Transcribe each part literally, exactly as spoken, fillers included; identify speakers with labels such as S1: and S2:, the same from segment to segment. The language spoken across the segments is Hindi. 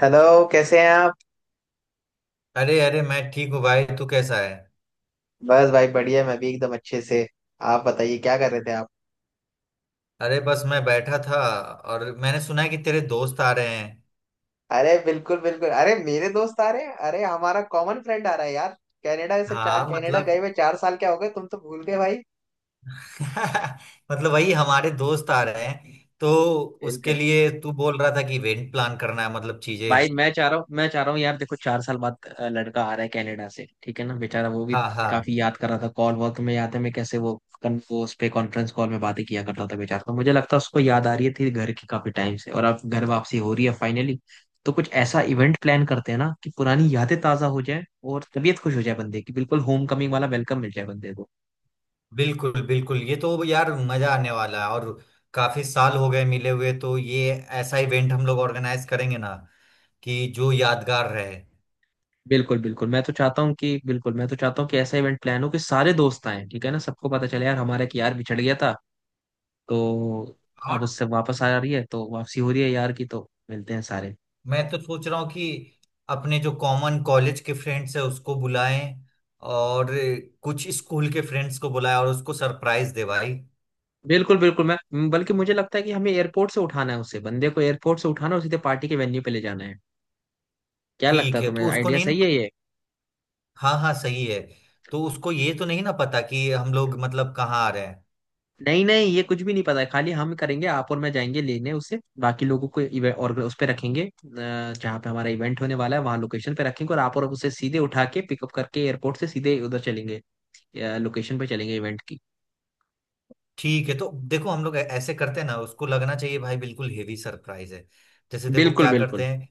S1: हेलो। कैसे हैं आप?
S2: अरे अरे मैं ठीक हूँ भाई। तू कैसा है?
S1: बस भाई बढ़िया, मैं भी एकदम अच्छे से। आप बताइए क्या कर रहे थे आप?
S2: अरे बस मैं बैठा था और मैंने सुना है कि तेरे दोस्त आ रहे हैं।
S1: अरे बिल्कुल बिल्कुल, अरे मेरे दोस्त आ रहे हैं, अरे हमारा कॉमन फ्रेंड आ रहा है यार। कनाडा से, चार
S2: हाँ
S1: कनाडा गए
S2: मतलब
S1: हुए चार साल क्या हो गए, तुम तो भूल गए भाई।
S2: मतलब वही हमारे दोस्त आ रहे हैं। तो उसके
S1: बिल्कुल
S2: लिए तू बोल रहा था कि इवेंट प्लान करना है, मतलब चीजें।
S1: भाई, मैं चाह रहा हूँ मैं चाह रहा हूँ यार, देखो चार साल बाद अ, लड़का आ रहा है कनाडा से, ठीक है ना, बेचारा वो भी
S2: हाँ हाँ
S1: काफी याद कर रहा था। कॉल वॉल में याद है मैं कैसे वो कन, वो उस पे कॉन्फ्रेंस कॉल में बातें किया करता था बेचारा, तो मुझे लगता है उसको याद आ रही थी घर की काफी टाइम से, और अब घर वापसी हो रही है फाइनली। तो कुछ ऐसा इवेंट प्लान करते हैं ना कि पुरानी यादें ताजा हो जाए और तबीयत खुश हो जाए बंदे की, बिल्कुल होम कमिंग वाला वेलकम मिल जाए बंदे को।
S2: बिल्कुल बिल्कुल, ये तो यार मजा आने वाला है। और काफी साल हो गए मिले हुए, तो ये ऐसा इवेंट हम लोग ऑर्गेनाइज करेंगे ना कि जो यादगार रहे।
S1: बिल्कुल बिल्कुल, मैं तो चाहता हूँ कि बिल्कुल मैं तो चाहता हूँ कि ऐसा इवेंट प्लान हो कि सारे दोस्त आए, ठीक है ना, सबको पता चले यार हमारा कि यार बिछड़ गया था तो, अब उससे वापस आ रही है तो वापसी हो रही है यार की, तो मिलते हैं सारे।
S2: मैं तो सोच रहा हूँ कि अपने जो कॉमन कॉलेज के फ्रेंड्स है उसको बुलाएं और कुछ स्कूल के फ्रेंड्स को बुलाएं और उसको सरप्राइज दे भाई।
S1: बिल्कुल बिल्कुल, मैं बल्कि मुझे लगता है कि हमें एयरपोर्ट से उठाना है उसे, बंदे को एयरपोर्ट से उठाना है और सीधे पार्टी के वेन्यू पे ले जाना है। क्या लगता
S2: ठीक
S1: है
S2: है, तो
S1: तुम्हें,
S2: उसको
S1: आइडिया
S2: नहीं
S1: सही है
S2: ना?
S1: ये?
S2: हाँ हाँ सही है। तो उसको ये तो नहीं ना पता कि हम लोग मतलब कहाँ आ रहे हैं।
S1: नहीं नहीं, ये कुछ भी नहीं पता है, खाली हम करेंगे, आप और मैं जाएंगे लेने उसे, बाकी लोगों को इवे- और उस पे रखेंगे, अ, जहाँ पे हमारा इवेंट होने वाला है वहाँ लोकेशन पे रखेंगे, और आप और उसे सीधे उठा के पिकअप करके एयरपोर्ट से सीधे उधर चलेंगे, लोकेशन पे चलेंगे इवेंट की।
S2: ठीक है, तो देखो हम लोग ऐ- ऐसे करते हैं ना, उसको लगना चाहिए भाई बिल्कुल हेवी सरप्राइज है। जैसे देखो
S1: बिल्कुल
S2: क्या
S1: बिल्कुल।
S2: करते हैं।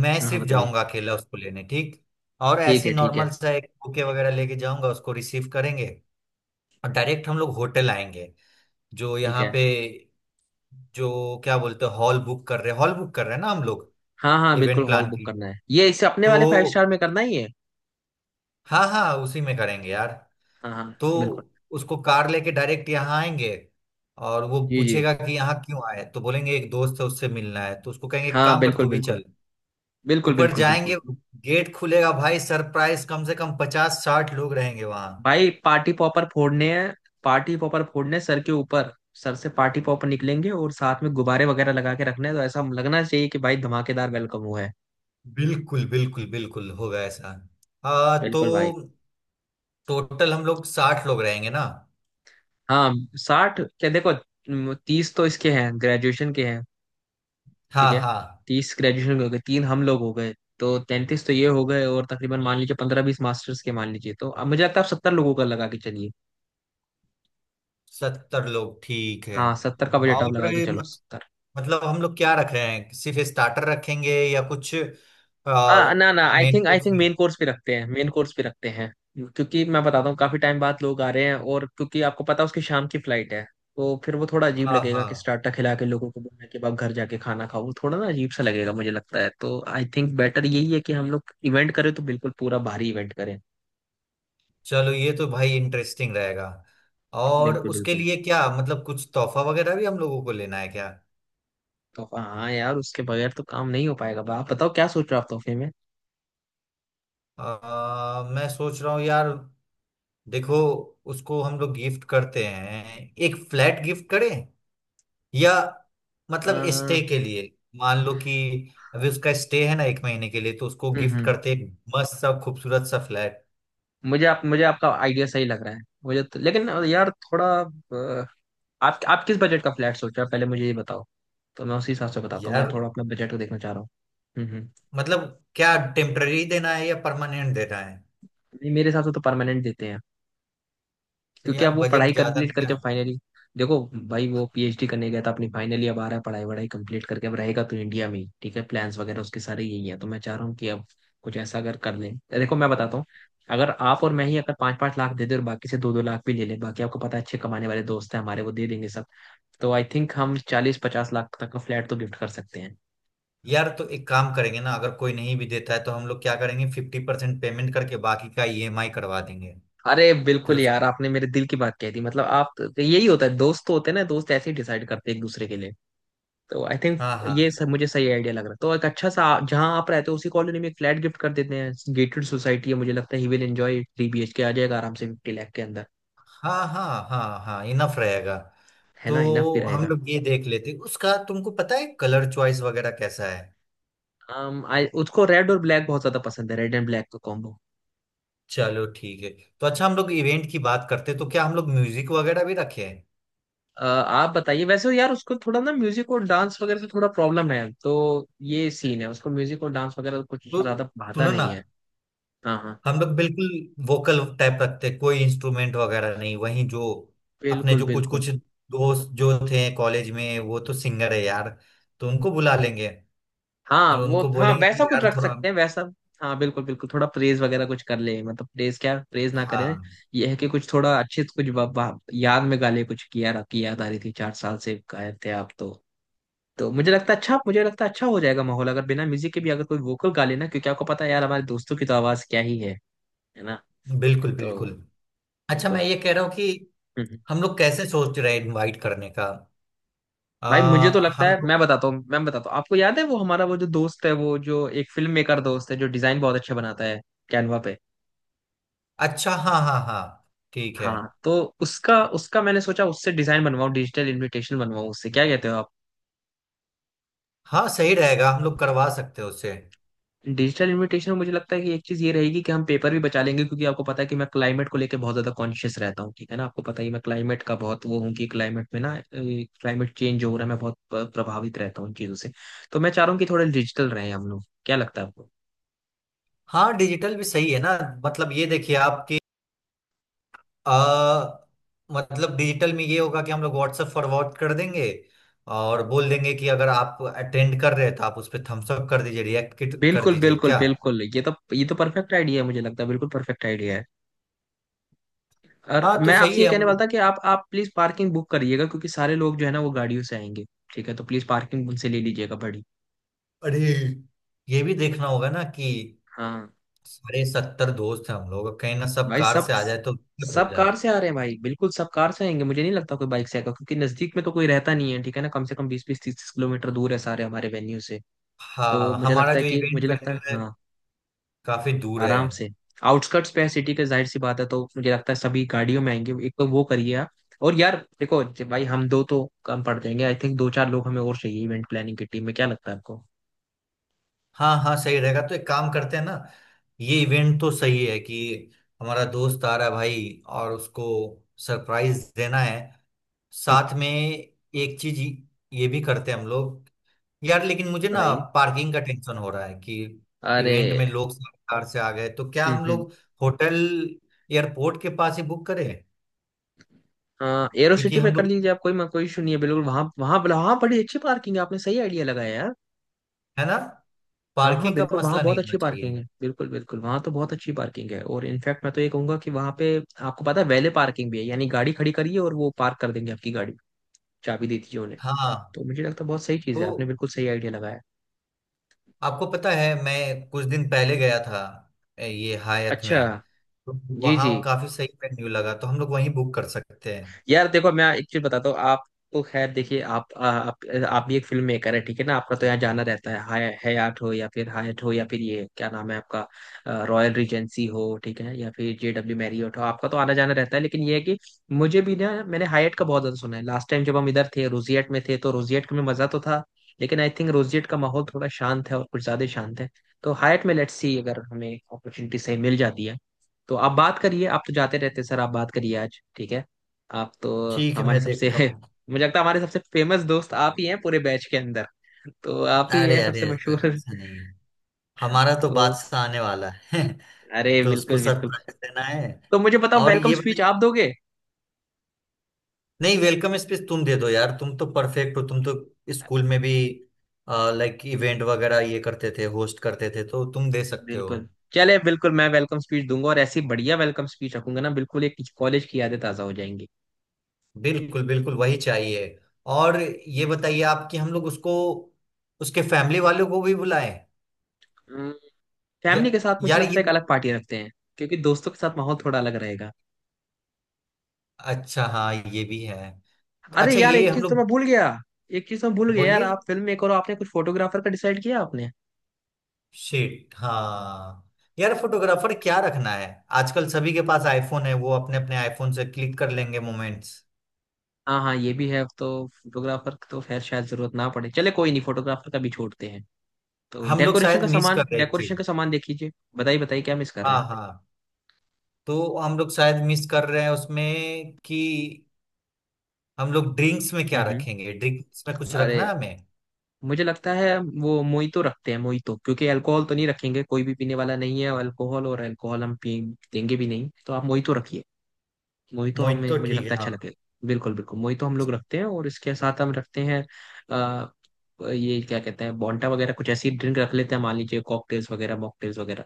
S2: मैं
S1: हाँ हाँ,
S2: सिर्फ
S1: बताइए।
S2: जाऊंगा अकेला उसको लेने, ठीक। और
S1: ठीक
S2: ऐसी
S1: है ठीक है।
S2: नॉर्मल सा एक बुके वगैरह लेके जाऊंगा, उसको रिसीव करेंगे। और डायरेक्ट हम लोग होटल आएंगे जो
S1: ठीक
S2: यहाँ
S1: है।
S2: पे। जो क्या बोलते हैं, हॉल बुक कर रहे हैं, हॉल बुक कर रहे हैं ना हम लोग,
S1: हाँ हाँ, बिल्कुल
S2: इवेंट
S1: हॉल
S2: प्लान
S1: बुक
S2: की।
S1: करना है, ये इसे अपने
S2: तो
S1: वाले फाइव स्टार में करना ही है।
S2: हाँ हाँ, उसी में करेंगे यार।
S1: हाँ हाँ।
S2: तो
S1: बिल्कुल।
S2: उसको कार लेके डायरेक्ट यहाँ आएंगे और वो
S1: जी जी।
S2: पूछेगा कि यहाँ क्यों आए, तो बोलेंगे एक दोस्त है उससे मिलना है, तो उसको कहेंगे एक
S1: हाँ
S2: काम कर
S1: बिल्कुल।
S2: तू भी
S1: बिल्कुल
S2: चल।
S1: बिल्कुल
S2: ऊपर
S1: बिल्कुल। बिल्कुल
S2: जाएंगे, गेट खुलेगा, भाई सरप्राइज, कम से कम पचास साठ लोग रहेंगे वहां।
S1: भाई, पार्टी पॉपर फोड़ने हैं, पार्टी पॉपर फोड़ने हैं सर के ऊपर। सर से पार्टी पॉपर निकलेंगे और साथ में गुब्बारे वगैरह लगा के रखने हैं, तो ऐसा लगना चाहिए कि भाई धमाकेदार वेलकम हुआ है।
S2: बिल्कुल बिल्कुल बिल्कुल होगा ऐसा। आ, तो
S1: बिल्कुल भाई।
S2: टोटल हम लोग साठ लोग रहेंगे ना?
S1: हाँ। साठ क्या, देखो तीस तो इसके हैं, ग्रेजुएशन के हैं, ठीक
S2: हाँ
S1: है।
S2: हाँ,
S1: तीस ग्रेजुएशन के हो गए, तीन हम लोग हो गए, तो तैंतीस तो ये हो गए, और तकरीबन मान लीजिए पंद्रह बीस मास्टर्स के मान लीजिए, तो अब मुझे लगता है आप सत्तर लोगों का लगा के चलिए।
S2: सत्तर लोग ठीक है।
S1: हाँ सत्तर का बजट
S2: और
S1: आप लगा के चलो,
S2: मत,
S1: सत्तर।
S2: मतलब हम लोग क्या रख रहे हैं, सिर्फ स्टार्टर रखेंगे या कुछ
S1: आ, ना ना, I
S2: main
S1: think I
S2: course
S1: think
S2: भी?
S1: मेन कोर्स पे रखते हैं, मेन कोर्स पे रखते हैं। क्योंकि मैं बताता हूँ काफी टाइम बाद लोग आ रहे हैं, और क्योंकि आपको पता है उसकी शाम की फ्लाइट है, तो फिर वो थोड़ा अजीब
S2: हाँ
S1: लगेगा कि
S2: हाँ,
S1: स्टार्टर खिला के लोगों को बोलने के बाद घर जाके खाना खाओ, वो थोड़ा ना अजीब सा लगेगा मुझे लगता है, तो आई थिंक बेटर यही है कि हम लोग इवेंट करें तो बिल्कुल पूरा भारी इवेंट करें।
S2: चलो ये तो भाई इंटरेस्टिंग रहेगा। और
S1: बिल्कुल
S2: उसके
S1: बिल्कुल।
S2: लिए क्या मतलब कुछ तोहफा वगैरह भी हम लोगों को लेना है क्या?
S1: तोहफा, हाँ यार उसके बगैर तो काम नहीं हो पाएगा। बा- आप बताओ क्या सोच रहे हो आप तोहफे में?
S2: आ, मैं सोच रहा हूँ यार। देखो, उसको हम लोग गिफ्ट करते हैं, एक फ्लैट गिफ्ट करें या
S1: आ,
S2: मतलब
S1: हम्म
S2: स्टे के लिए। मान लो कि अभी उसका स्टे है ना एक महीने के लिए, तो उसको गिफ्ट
S1: हम्म।
S2: करते हैं एक मस्त सा खूबसूरत सा फ्लैट।
S1: मुझे आप मुझे आपका आइडिया सही लग रहा है मुझे तो, लेकिन यार थोड़ा अ, आप आप किस बजट का फ्लैट सोच रहे हो पहले मुझे ये बताओ, तो मैं उसी हिसाब से बताता हूँ, मैं
S2: यार
S1: थोड़ा अपना बजट को देखना चाह रहा हूँ। हम्म हम्म।
S2: मतलब क्या टेम्पररी देना है या परमानेंट देना है?
S1: नहीं, मेरे हिसाब से तो परमानेंट देते हैं,
S2: तो
S1: क्योंकि अब
S2: यार
S1: वो
S2: बजट
S1: पढ़ाई
S2: ज्यादा
S1: कंप्लीट
S2: नहीं
S1: करके
S2: है।
S1: फाइनली। देखो भाई, वो पी एच डी करने गया था अपनी, फाइनली अब आ रहा है पढ़ाई वढ़ाई कंप्लीट करके, अब रहेगा तो इंडिया में ही, ठीक है, प्लान्स वगैरह उसके सारे यही है, तो मैं चाह रहा हूँ कि अब कुछ ऐसा अगर कर लें। देखो मैं बताता हूँ, अगर आप और मैं ही अगर पाँच पाँच लाख दे दे और बाकी से दो दो लाख भी ले लें, बाकी आपको पता है अच्छे कमाने वाले दोस्त हैं हमारे, वो दे देंगे सब। तो आई थिंक हम चालीस पचास लाख तक का फ्लैट तो गिफ्ट कर सकते हैं।
S2: यार तो एक काम करेंगे ना, अगर कोई नहीं भी देता है तो हम लोग क्या करेंगे, फिफ्टी परसेंट पेमेंट करके बाकी का ई एम आई करवा देंगे।
S1: अरे
S2: फिर
S1: बिल्कुल
S2: उसको
S1: यार, आपने मेरे दिल की बात कह दी, मतलब आप, यही होता है, दोस्त तो होते हैं ना, दोस्त ऐसे ही डिसाइड करते हैं एक दूसरे के लिए। तो आई थिंक
S2: हाँ हाँ
S1: ये सब मुझे सही आइडिया लग रहा है, तो एक अच्छा सा, जहाँ आप रहते हो उसी कॉलोनी में एक फ्लैट गिफ्ट कर देते हैं, गेटेड सोसाइटी है, मुझे लगता है he will enjoy, three B H K आ जाएगा आराम से फिफ्टी लाख के अंदर।
S2: हाँ हाँ हाँ हाँ इनफ रहेगा।
S1: है
S2: तो
S1: ना, इनफ भी
S2: हम
S1: रहेगा।
S2: लोग ये देख लेते, उसका तुमको पता है कलर चॉइस वगैरह कैसा है?
S1: um, I, उसको रेड और ब्लैक बहुत ज्यादा पसंद है, रेड एंड ब्लैक का कॉम्बो।
S2: चलो ठीक है। तो अच्छा हम लोग इवेंट की बात करते हैं, तो क्या हम लोग म्यूजिक वगैरह भी रखे हैं?
S1: आप बताइए, वैसे यार उसको थोड़ा ना म्यूजिक और डांस वगैरह से थोड़ा प्रॉब्लम है, तो ये सीन है, उसको म्यूजिक और डांस वगैरह कुछ
S2: तो
S1: ज्यादा भाता
S2: सुनो ना,
S1: नहीं है। हाँ हाँ।
S2: हम लोग बिल्कुल वोकल टाइप रखते हैं, कोई इंस्ट्रूमेंट वगैरह नहीं। वहीं जो अपने
S1: बिल्कुल
S2: जो कुछ
S1: बिल्कुल।
S2: कुछ दोस्त जो थे कॉलेज में वो तो सिंगर है यार, तो उनको बुला लेंगे।
S1: हाँ
S2: और
S1: वो,
S2: उनको
S1: हाँ
S2: बोलेंगे
S1: वैसा
S2: कि
S1: कुछ
S2: यार
S1: रख
S2: थोड़ा
S1: सकते हैं वैसा। हाँ बिल्कुल बिल्कुल, थोड़ा प्रेज वगैरह कुछ कर ले, मतलब प्रेज क्या, प्रेज ना करें,
S2: हाँ
S1: ये है कि कुछ थोड़ा अच्छे से कुछ वा- वा- याद में गाले कुछ, किया रखी याद आ रही थी, चार साल से गायब थे आप तो। तो मुझे लगता है अच्छा मुझे लगता है अच्छा हो जाएगा माहौल, अगर बिना म्यूजिक के भी अगर कोई वोकल गा लेना, क्योंकि आपको पता है यार हमारे दोस्तों की तो आवाज क्या ही है है ना।
S2: बिल्कुल बिल्कुल।
S1: तो
S2: अच्छा, मैं
S1: बिल्कुल।
S2: ये कह रहा हूँ कि
S1: हम्म। हम्म।
S2: हम लोग कैसे सोच रहे हैं इनवाइट करने का?
S1: भाई मुझे तो
S2: आ,
S1: लगता
S2: हम
S1: है,
S2: लोग
S1: मैं बताता हूँ मैं बताता हूँ आपको याद है वो हमारा, वो जो दोस्त है, वो जो एक फिल्म मेकर दोस्त है जो डिजाइन बहुत अच्छा बनाता है कैनवा पे।
S2: अच्छा हाँ हाँ हाँ ठीक है।
S1: हाँ तो उसका उसका मैंने सोचा उससे डिजाइन बनवाऊं, डिजिटल इनविटेशन बनवाऊं उससे, क्या कहते हो आप?
S2: हाँ सही रहेगा, हम लोग करवा सकते हैं उससे।
S1: डिजिटल इनविटेशन में मुझे लगता है कि एक चीज ये रहेगी कि हम पेपर भी बचा लेंगे, क्योंकि आपको पता है कि मैं क्लाइमेट को लेके बहुत ज्यादा कॉन्शियस रहता हूँ, ठीक है ना, आपको पता ही है, मैं क्लाइमेट का बहुत वो हूँ कि क्लाइमेट में ना क्लाइमेट चेंज हो रहा है, मैं बहुत प- प्रभावित रहता हूँ इन चीजों से। तो मैं चाह रहा हूँ कि थोड़ा डिजिटल रहे हम लोग, क्या लगता है आपको?
S2: हाँ डिजिटल भी सही है ना, मतलब ये देखिए आपकी आ, मतलब डिजिटल में ये होगा कि हम लोग व्हाट्सएप फॉरवर्ड कर देंगे और बोल देंगे कि अगर आप अटेंड कर रहे हैं तो आप उस पर थम्स अप कर दीजिए, रिएक्ट कर
S1: बिल्कुल
S2: दीजिए
S1: बिल्कुल
S2: क्या?
S1: बिल्कुल, ये तो ये तो परफेक्ट आइडिया है, मुझे लगता है बिल्कुल परफेक्ट आइडिया है। और
S2: हाँ तो
S1: मैं आपसे
S2: सही
S1: ये
S2: है, हम
S1: कहने वाला
S2: लोग।
S1: था कि आप आप प्लीज पार्किंग बुक करिएगा, क्योंकि सारे लोग जो है ना वो गाड़ियों से आएंगे, ठीक है, तो प्लीज पार्किंग उनसे ले लीजिएगा बड़ी।
S2: अरे, ये भी देखना होगा ना कि
S1: हाँ
S2: सारे सत्तर दोस्त हैं, हम लोग कहीं ना सब
S1: भाई,
S2: कार
S1: सब,
S2: से आ जाए तो दिक्कत हो
S1: सब
S2: जाए।
S1: कार से आ रहे हैं भाई, बिल्कुल सब कार से आएंगे, मुझे नहीं लगता कोई बाइक से आएगा, क्योंकि नजदीक में तो कोई रहता नहीं है, ठीक है ना, कम से कम बीस बीस तीस तीस किलोमीटर दूर है सारे हमारे वेन्यू से। तो
S2: हाँ,
S1: मुझे
S2: हमारा
S1: लगता है
S2: जो
S1: कि
S2: इवेंट
S1: मुझे लगता है
S2: वेन्यू है
S1: हाँ,
S2: काफी दूर है।
S1: आराम से, आउटस्कर्ट्स पे है सिटी के, जाहिर सी बात है, तो मुझे लगता है सभी गाड़ियों में आएंगे, एक तो वो करिए आप। और यार देखो, जे- भाई हम दो तो कम पड़ जाएंगे, आई थिंक दो चार लोग हमें और चाहिए इवेंट प्लानिंग की टीम में, क्या लगता है आपको?
S2: हाँ हाँ सही रहेगा, तो एक काम करते हैं ना, ये इवेंट तो सही है कि हमारा दोस्त आ रहा है भाई और उसको सरप्राइज देना है,
S1: हम्म,
S2: साथ में एक चीज ये भी करते हैं हम लोग। यार लेकिन मुझे ना
S1: बताइए।
S2: पार्किंग का टेंशन हो रहा है कि
S1: अरे।
S2: इवेंट में लोग कार से आ गए तो, क्या
S1: हम्म
S2: हम
S1: हम्म।
S2: लोग होटल एयरपोर्ट के पास ही बुक करें?
S1: हाँ, एरो
S2: क्योंकि
S1: सिटी में
S2: हम
S1: कर
S2: लोग,
S1: लीजिए आप, कोई कोई इशू नहीं है बिल्कुल, वहाँ वहाँ वहाँ बड़ी अच्छी पार्किंग है, आपने सही आइडिया लगाया यार।
S2: है ना,
S1: हाँ हाँ
S2: पार्किंग का
S1: बिल्कुल, वहाँ
S2: मसला
S1: बहुत
S2: नहीं होना
S1: अच्छी
S2: चाहिए।
S1: पार्किंग है, बिल्कुल बिल्कुल, वहाँ तो बहुत अच्छी पार्किंग है, और इनफैक्ट मैं तो ये कहूंगा कि वहाँ पे आपको पता है वैले पार्किंग भी है, यानी गाड़ी खड़ी करिए और वो पार्क कर देंगे आपकी गाड़ी, चाबी दे दीजिए उन्हें।
S2: हाँ,
S1: तो मुझे लगता है बहुत सही चीज़
S2: तो
S1: है, आपने बिल्कुल सही आइडिया लगाया।
S2: आपको पता है मैं कुछ दिन पहले गया था ए, ये हायत
S1: अच्छा।
S2: में। तो
S1: जी
S2: वहाँ
S1: जी।
S2: काफी सही मेन्यू लगा, तो हम लोग वहीं बुक कर सकते हैं।
S1: यार देखो मैं एक चीज बताता हूँ आप, तो खैर देखिए आप, आ- आप आप भी एक फिल्म मेकर है, ठीक है ना, आपका तो यहाँ जाना रहता है, हाय हयात हो या फिर हायट हो या फिर ये क्या नाम है आपका, रॉयल रिजेंसी हो, ठीक है, या फिर जे डब्ल्यू मैरियट हो, तो आपका तो आना जाना रहता है, लेकिन ये है कि मुझे भी ना मैंने हायट का बहुत ज्यादा सुना है। लास्ट टाइम जब हम इधर थे रोजियट में थे, तो रोजियट में मजा तो था, लेकिन आई थिंक रोजियट का माहौल थोड़ा शांत है, और कुछ ज्यादा ही शांत है। तो हायट में लेट्स सी अगर हमें अपॉर्चुनिटी सही मिल जाती है, तो आप बात करिए, आप तो जाते रहते हैं, सर आप बात करिए आज, ठीक है। आप तो
S2: ठीक है,
S1: हमारे
S2: मैं
S1: सबसे
S2: देखता हूँ।
S1: मुझे लगता है हमारे सबसे फेमस दोस्त आप ही हैं पूरे बैच के अंदर, तो आप ही
S2: अरे
S1: हैं
S2: अरे
S1: सबसे
S2: ऐसा
S1: मशहूर।
S2: ऐसा नहीं है, हमारा तो
S1: तो
S2: बादशाह आने वाला है।
S1: अरे
S2: तो उसको
S1: बिल्कुल बिल्कुल।
S2: सरप्राइज देना है।
S1: तो मुझे बताओ
S2: और
S1: वेलकम
S2: ये
S1: स्पीच
S2: बताइए,
S1: आप दोगे?
S2: नहीं, वेलकम स्पीच तुम दे दो यार, तुम तो परफेक्ट हो, तुम तो स्कूल में भी लाइक इवेंट वगैरह ये करते थे, होस्ट करते थे, तो तुम दे सकते हो।
S1: बिल्कुल चले, बिल्कुल मैं वेलकम स्पीच दूंगा, और ऐसी बढ़िया वेलकम स्पीच रखूंगा ना, बिल्कुल एक कॉलेज की यादें ताजा हो जाएंगी।
S2: बिल्कुल बिल्कुल वही चाहिए। और ये बताइए आप कि हम लोग उसको उसके फैमिली वालों को भी बुलाएं या?
S1: फैमिली के साथ मुझे
S2: यार
S1: लगता
S2: ये
S1: है एक अलग पार्टी रखते हैं, क्योंकि दोस्तों के साथ माहौल थोड़ा अलग रहेगा।
S2: अच्छा हाँ ये भी है। तो
S1: अरे
S2: अच्छा
S1: यार
S2: ये
S1: एक
S2: हम
S1: चीज तो मैं
S2: लोग,
S1: भूल गया, एक चीज तो मैं भूल गया यार
S2: बोलिए।
S1: आप फिल्म मेकर हो, आपने कुछ फोटोग्राफर का डिसाइड किया आपने?
S2: शिट हाँ। यार फोटोग्राफर क्या रखना है, आजकल सभी के पास आईफोन है, वो अपने अपने आईफोन से क्लिक कर लेंगे मोमेंट्स।
S1: हाँ हाँ, ये भी है, तो फोटोग्राफर तो खैर शायद जरूरत ना पड़े, चले कोई नहीं, फोटोग्राफर का भी छोड़ते हैं। तो
S2: हम लोग
S1: डेकोरेशन का
S2: शायद मिस कर
S1: सामान,
S2: रहे हैं एक
S1: डेकोरेशन
S2: चीज।
S1: का सामान देख लीजिए। बताइए बताइए, क्या मिस कर रहे
S2: हाँ
S1: हैं?
S2: हाँ, तो हम लोग शायद मिस कर रहे हैं उसमें कि हम लोग ड्रिंक्स में क्या
S1: हम्म हम्म।
S2: रखेंगे, ड्रिंक्स में कुछ
S1: अरे
S2: रखना है हमें।
S1: मुझे लगता है वो मोहितो रखते हैं, मोहितो, क्योंकि अल्कोहल तो नहीं रखेंगे, कोई भी पीने वाला नहीं है अल्कोहल, और अल्कोहल हम पी देंगे भी नहीं, तो आप मोहितो रखिए, मोहितो,
S2: मोहित
S1: हमें
S2: तो
S1: मुझे
S2: ठीक
S1: लगता
S2: है
S1: है अच्छा
S2: हाँ।
S1: लगेगा, बिल्कुल बिल्कुल मोहितो हम लोग रखते हैं, और इसके साथ हम रखते हैं अ, ये क्या कहते हैं, बॉन्टा वगैरह कुछ ऐसी ड्रिंक रख लेते हैं, मान लीजिए कॉकटेल्स वगैरह, मॉकटेल्स वगैरह,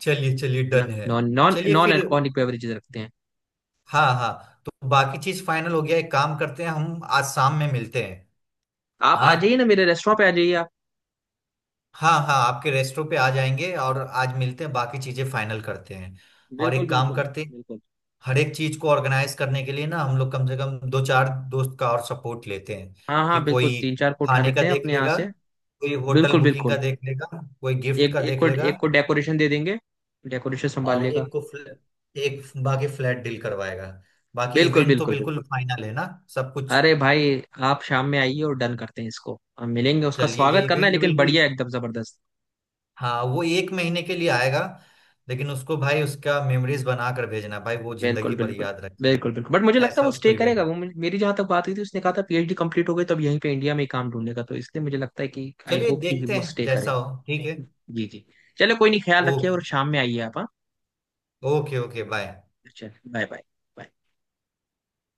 S2: चलिए चलिए
S1: है ना,
S2: डन है।
S1: नॉन नॉन
S2: चलिए
S1: नॉन
S2: फिर,
S1: अल्कोहलिक बेवरेजेस रखते हैं।
S2: हाँ हाँ, तो बाकी चीज फाइनल हो गया, एक काम करते हैं हम आज शाम में मिलते हैं।
S1: आप आ
S2: हाँ
S1: जाइए ना मेरे रेस्टोरेंट पे आ जाइए आप।
S2: हाँ हाँ, आपके रेस्टोरेंट पे आ जाएंगे और आज मिलते हैं, बाकी चीजें फाइनल करते हैं। और
S1: बिल्कुल
S2: एक काम
S1: बिल्कुल
S2: करते हैं,
S1: बिल्कुल।
S2: हर एक चीज को ऑर्गेनाइज करने के लिए ना हम लोग कम से कम दो चार दोस्त का और सपोर्ट लेते हैं,
S1: हाँ
S2: कि
S1: हाँ
S2: कोई
S1: बिल्कुल, तीन चार को उठा
S2: खाने का
S1: लेते हैं
S2: देख
S1: अपने यहाँ
S2: लेगा,
S1: से।
S2: कोई होटल
S1: बिल्कुल
S2: बुकिंग का
S1: बिल्कुल।
S2: देख लेगा, कोई गिफ्ट
S1: एक
S2: का
S1: एक
S2: देख
S1: को
S2: लेगा,
S1: एक को डेकोरेशन दे देंगे, डेकोरेशन संभाल
S2: और
S1: लेगा।
S2: एक को फ्ल, एक बाकी फ्लैट डील करवाएगा। बाकी
S1: बिल्कुल
S2: इवेंट तो
S1: बिल्कुल
S2: बिल्कुल
S1: बिल्कुल।
S2: फाइनल है ना, सब कुछ।
S1: अरे भाई, आप शाम में आइए और डन करते हैं इसको, हम मिलेंगे, उसका
S2: चलिए ये
S1: स्वागत करना है
S2: इवेंट
S1: लेकिन
S2: बिल्कुल।
S1: बढ़िया, एकदम जबरदस्त।
S2: हाँ वो एक महीने के लिए आएगा लेकिन उसको भाई उसका मेमोरीज बना कर भेजना भाई, वो
S1: बिल्कुल
S2: जिंदगी भर
S1: बिल्कुल
S2: याद रखे।
S1: बिल्कुल बिल्कुल, बट मुझे लगता है
S2: ऐसा
S1: वो
S2: उसको
S1: स्टे करेगा,
S2: इवेंट।
S1: वो मुझे- मेरी जहां तक बात हुई थी उसने कहा था पी एच डी कंप्लीट हो गई, तो अब यहीं पे इंडिया में ही काम ढूंढेगा, तो इसलिए मुझे लगता है कि आई
S2: चलिए
S1: होप कि
S2: देखते
S1: वो
S2: हैं
S1: स्टे करे।
S2: जैसा हो, ठीक है।
S1: जी जी। चलो कोई नहीं, ख्याल रखिए और
S2: ओके
S1: शाम में आइए आप, हाँ।
S2: Okay okay bye.
S1: चलो बाय बाय।